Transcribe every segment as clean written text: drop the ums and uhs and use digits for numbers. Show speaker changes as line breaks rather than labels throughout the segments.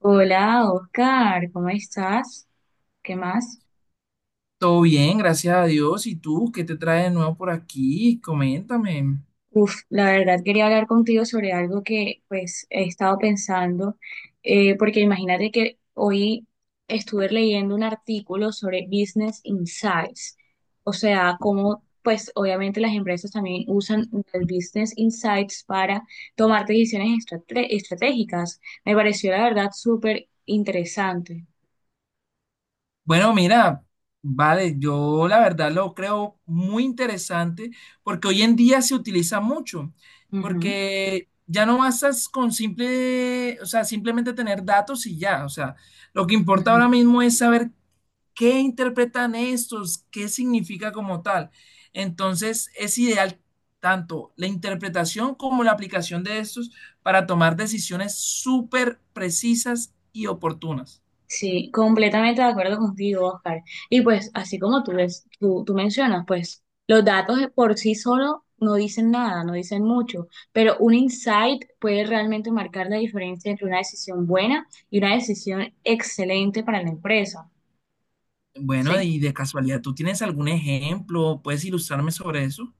Hola, Oscar, ¿cómo estás? ¿Qué más?
Todo bien, gracias a Dios. ¿Y tú qué te trae de nuevo por aquí? Coméntame.
La verdad quería hablar contigo sobre algo que pues he estado pensando, porque imagínate que hoy estuve leyendo un artículo sobre Business Insights, o sea, cómo pues obviamente las empresas también usan el Business Insights para tomar decisiones estratégicas. Me pareció la verdad súper interesante.
Bueno, mira, vale, yo la verdad lo creo muy interesante porque hoy en día se utiliza mucho,
Ujú,
porque ya no bastas con simple, o sea, simplemente tener datos y ya, o sea, lo que importa ahora
ujú.
mismo es saber. ¿Qué interpretan estos? ¿Qué significa como tal? Entonces, es ideal tanto la interpretación como la aplicación de estos para tomar decisiones súper precisas y oportunas.
Sí, completamente de acuerdo contigo, Oscar. Y pues, así como tú mencionas, pues los datos de por sí solo no dicen nada, no dicen mucho, pero un insight puede realmente marcar la diferencia entre una decisión buena y una decisión excelente para la empresa.
Bueno,
Sí.
y de casualidad, ¿tú tienes algún ejemplo? ¿Puedes ilustrarme sobre eso?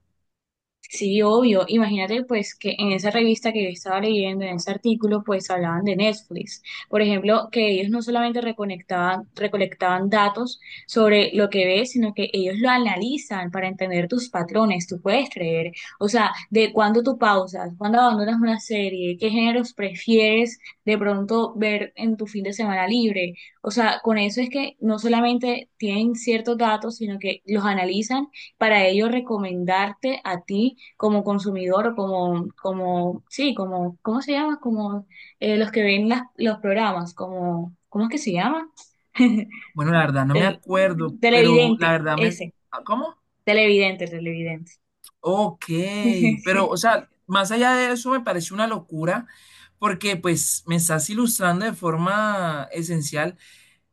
Sí, obvio. Imagínate pues que en esa revista que yo estaba leyendo, en ese artículo, pues hablaban de Netflix. Por ejemplo, que ellos no solamente recolectaban datos sobre lo que ves, sino que ellos lo analizan para entender tus patrones, tú puedes creer. O sea, de cuándo tú pausas, cuándo abandonas una serie, qué géneros prefieres de pronto ver en tu fin de semana libre. O sea, con eso es que no solamente tienen ciertos datos, sino que los analizan para ello recomendarte a ti como consumidor o sí, como, ¿cómo se llama? Como los que ven los programas, como, ¿cómo es que se llama?
Bueno, la verdad no me
El
acuerdo, pero la
televidente,
verdad me...
ese,
¿Ah, cómo?
televidente, televidente.
Ok, pero o sea, más allá de eso me parece una locura porque pues me estás ilustrando de forma esencial.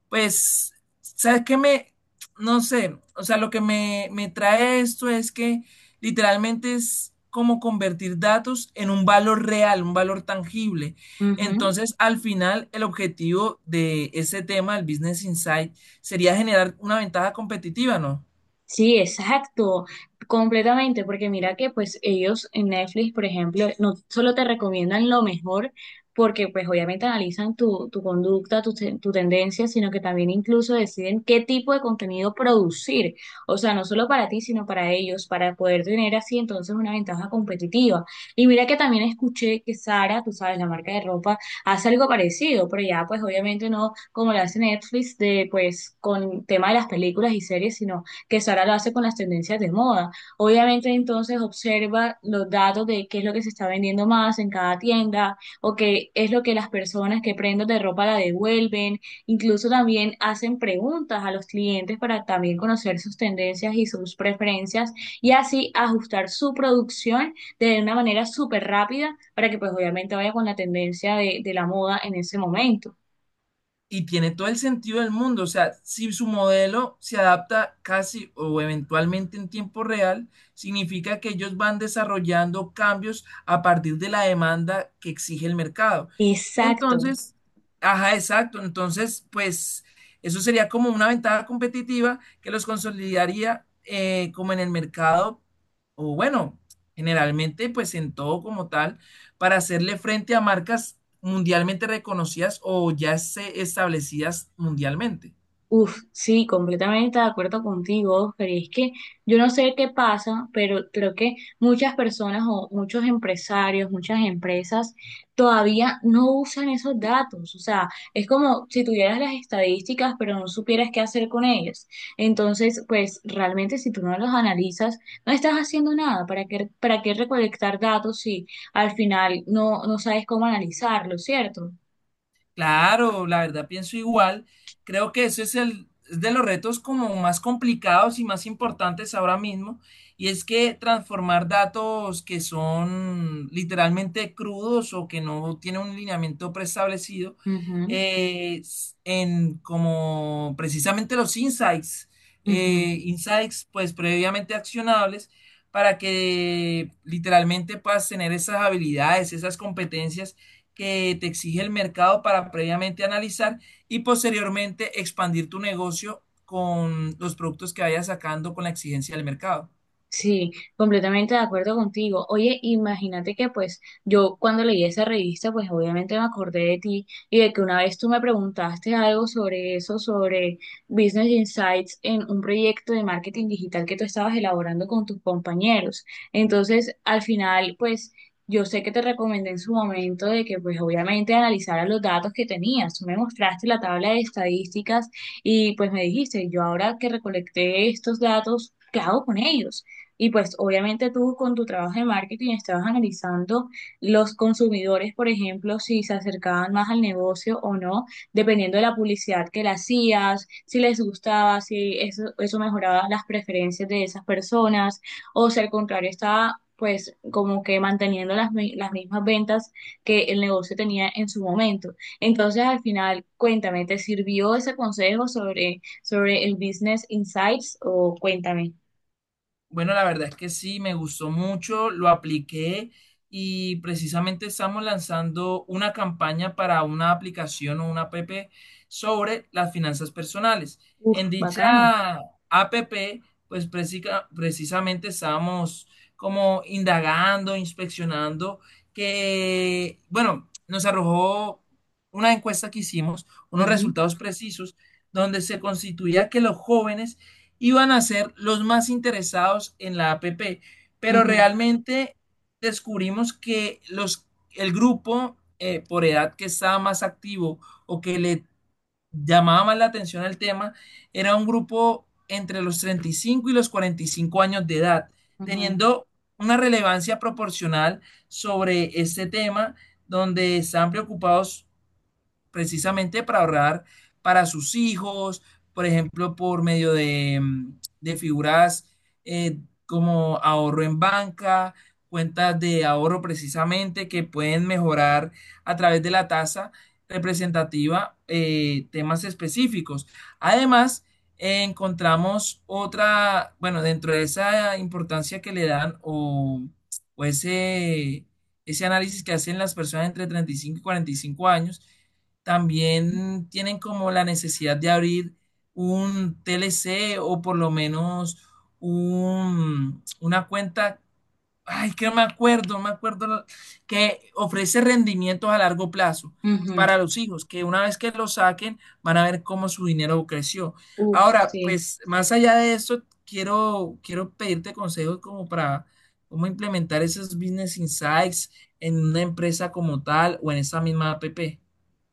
Pues, ¿sabes qué me, no sé, o sea, lo que me trae esto es que literalmente es como convertir datos en un valor real, un valor tangible?
Ujú.
Entonces, al final, el objetivo de ese tema, el Business Insight, sería generar una ventaja competitiva, ¿no?
Sí, exacto, completamente, porque mira que pues ellos en Netflix, por ejemplo, no solo te recomiendan lo mejor, porque pues obviamente analizan tu conducta, tu tendencia, sino que también incluso deciden qué tipo de contenido producir, o sea, no solo para ti, sino para ellos, para poder tener así entonces una ventaja competitiva. Y mira que también escuché que Sara, tú sabes, la marca de ropa, hace algo parecido, pero ya pues obviamente no como lo hace Netflix de pues con tema de las películas y series, sino que Sara lo hace con las tendencias de moda. Obviamente entonces observa los datos de qué es lo que se está vendiendo más en cada tienda o qué es lo que las personas que prenden de ropa la devuelven. Incluso también hacen preguntas a los clientes para también conocer sus tendencias y sus preferencias y así ajustar su producción de una manera súper rápida para que pues obviamente vaya con la tendencia de la moda en ese momento.
Y tiene todo el sentido del mundo. O sea, si su modelo se adapta casi o eventualmente en tiempo real, significa que ellos van desarrollando cambios a partir de la demanda que exige el mercado.
Exacto.
Entonces, ajá, exacto. Entonces, pues eso sería como una ventaja competitiva que los consolidaría como en el mercado, o bueno, generalmente pues en todo como tal, para hacerle frente a marcas mundialmente reconocidas o ya se establecidas mundialmente.
Uf, sí, completamente de acuerdo contigo, pero es que yo no sé qué pasa, pero creo que muchas personas o muchos empresarios, muchas empresas todavía no usan esos datos. O sea, es como si tuvieras las estadísticas, pero no supieras qué hacer con ellas. Entonces, pues realmente si tú no los analizas, no estás haciendo nada. Para qué recolectar datos si al final no sabes cómo analizarlo, cierto?
Claro, la verdad pienso igual. Creo que ese es el es de los retos como más complicados y más importantes ahora mismo, y es que transformar datos que son literalmente crudos o que no tienen un lineamiento preestablecido
Ujú,
en como precisamente los insights,
ujú.
insights pues previamente accionables para que literalmente puedas tener esas habilidades, esas competencias que te exige el mercado para previamente analizar y posteriormente expandir tu negocio con los productos que vayas sacando con la exigencia del mercado.
Sí, completamente de acuerdo contigo. Oye, imagínate que pues yo cuando leí esa revista, pues obviamente me acordé de ti y de que una vez tú me preguntaste algo sobre eso, sobre Business Insights en un proyecto de marketing digital que tú estabas elaborando con tus compañeros. Entonces, al final, pues yo sé que te recomendé en su momento de que pues obviamente analizaras los datos que tenías. Tú me mostraste la tabla de estadísticas y pues me dijiste, yo ahora que recolecté estos datos, ¿qué hago con ellos? Y pues obviamente tú con tu trabajo de marketing estabas analizando los consumidores, por ejemplo, si se acercaban más al negocio o no, dependiendo de la publicidad que le hacías, si les gustaba, si eso mejoraba las preferencias de esas personas, o si al contrario estaba pues como que manteniendo las mismas ventas que el negocio tenía en su momento. Entonces al final, cuéntame, ¿te sirvió ese consejo sobre, sobre el Business Insights o cuéntame?
Bueno, la verdad es que sí, me gustó mucho, lo apliqué y precisamente estamos lanzando una campaña para una aplicación o una app sobre las finanzas personales.
Uf,
En
bacano.
dicha app, pues precisamente estábamos como indagando, inspeccionando, que, bueno, nos arrojó una encuesta que hicimos, unos
Ujú,
resultados precisos, donde se constituía que los jóvenes iban a ser los más interesados en la APP, pero
ujú,
realmente descubrimos que el grupo por edad que estaba más activo o que le llamaba más la atención al tema era un grupo entre los 35 y los 45 años de edad,
ujú,
teniendo una relevancia proporcional sobre este tema donde están preocupados precisamente para ahorrar para sus hijos, por ejemplo, por medio de, de figuras eh, como ahorro en banca, cuentas de ahorro precisamente que pueden mejorar a través de la tasa representativa, temas específicos. Además, encontramos otra, bueno, dentro de esa importancia que le dan o ese análisis que hacen las personas entre 35 y 45 años, también tienen como la necesidad de abrir un TLC o por lo menos un, una cuenta, ay, que no me acuerdo, no me acuerdo, la- que ofrece rendimientos a largo plazo
ujú.
para los hijos, que una vez que lo saquen van a ver cómo su dinero creció.
Uf,
Ahora,
sí.
pues más allá de eso, quiero pedirte consejos como para cómo implementar esos business insights en una empresa como tal o en esa misma app.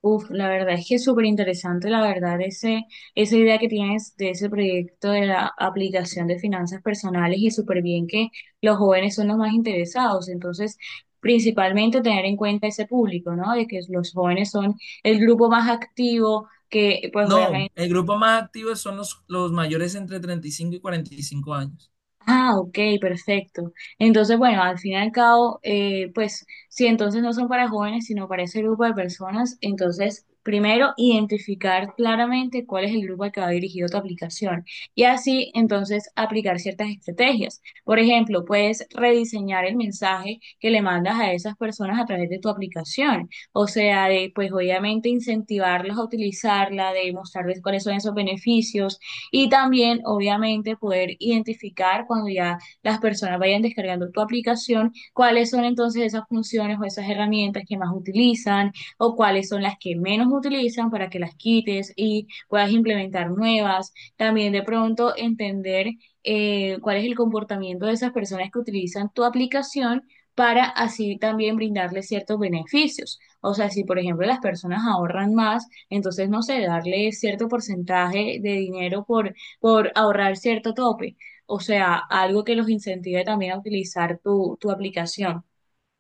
Uf, la verdad es que es súper interesante, la verdad, ese, esa idea que tienes de ese proyecto de la aplicación de finanzas personales y súper bien que los jóvenes son los más interesados. Entonces, principalmente tener en cuenta ese público, ¿no? De que los jóvenes son el grupo más activo, que pues
No,
obviamente...
el grupo más activo son los mayores entre 35 y 45 años.
Ah, ok, perfecto. Entonces, bueno, al fin y al cabo, pues si entonces no son para jóvenes, sino para ese grupo de personas, entonces primero identificar claramente cuál es el grupo al que va dirigido tu aplicación y así entonces aplicar ciertas estrategias. Por ejemplo, puedes rediseñar el mensaje que le mandas a esas personas a través de tu aplicación, o sea, de pues obviamente incentivarlos a utilizarla, de mostrarles cuáles son esos beneficios y también, obviamente, poder identificar cuando ya las personas vayan descargando tu aplicación, cuáles son entonces esas funciones o esas herramientas que más utilizan o cuáles son las que menos utilizan para que las quites y puedas implementar nuevas. También de pronto entender cuál es el comportamiento de esas personas que utilizan tu aplicación para así también brindarles ciertos beneficios. O sea, si por ejemplo las personas ahorran más, entonces, no sé, darle cierto porcentaje de dinero por ahorrar cierto tope. O sea, algo que los incentive también a utilizar tu aplicación.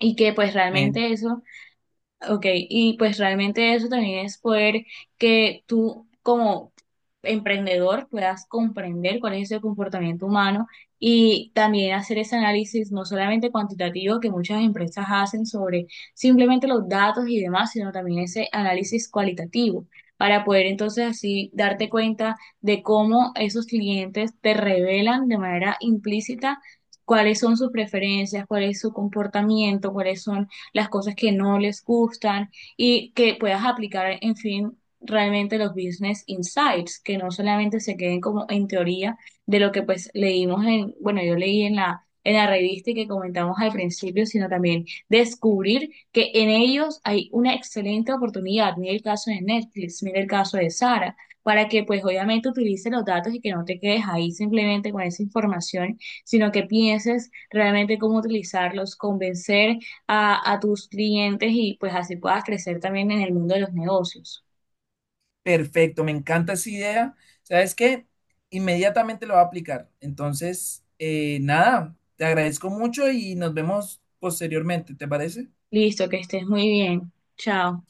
Y que pues
Bueno,
realmente eso... Ok, y pues realmente eso también es poder que tú como emprendedor puedas comprender cuál es el comportamiento humano y también hacer ese análisis no solamente cuantitativo que muchas empresas hacen sobre simplemente los datos y demás, sino también ese análisis cualitativo para poder entonces así darte cuenta de cómo esos clientes te revelan de manera implícita cuáles son sus preferencias, cuál es su comportamiento, cuáles son las cosas que no les gustan y que puedas aplicar, en fin, realmente los business insights, que no solamente se queden como en teoría de lo que pues leímos en, bueno, yo leí en la revista y que comentamos al principio, sino también descubrir que en ellos hay una excelente oportunidad. Mira el caso de Netflix, mira el caso de Sara, para que pues obviamente utilices los datos y que no te quedes ahí simplemente con esa información, sino que pienses realmente cómo utilizarlos, convencer a tus clientes y pues así puedas crecer también en el mundo de los negocios.
perfecto, me encanta esa idea. ¿Sabes qué? Inmediatamente lo voy a aplicar. Entonces, nada, te agradezco mucho y nos vemos posteriormente, ¿te parece?
Listo, que estés muy bien. Chao.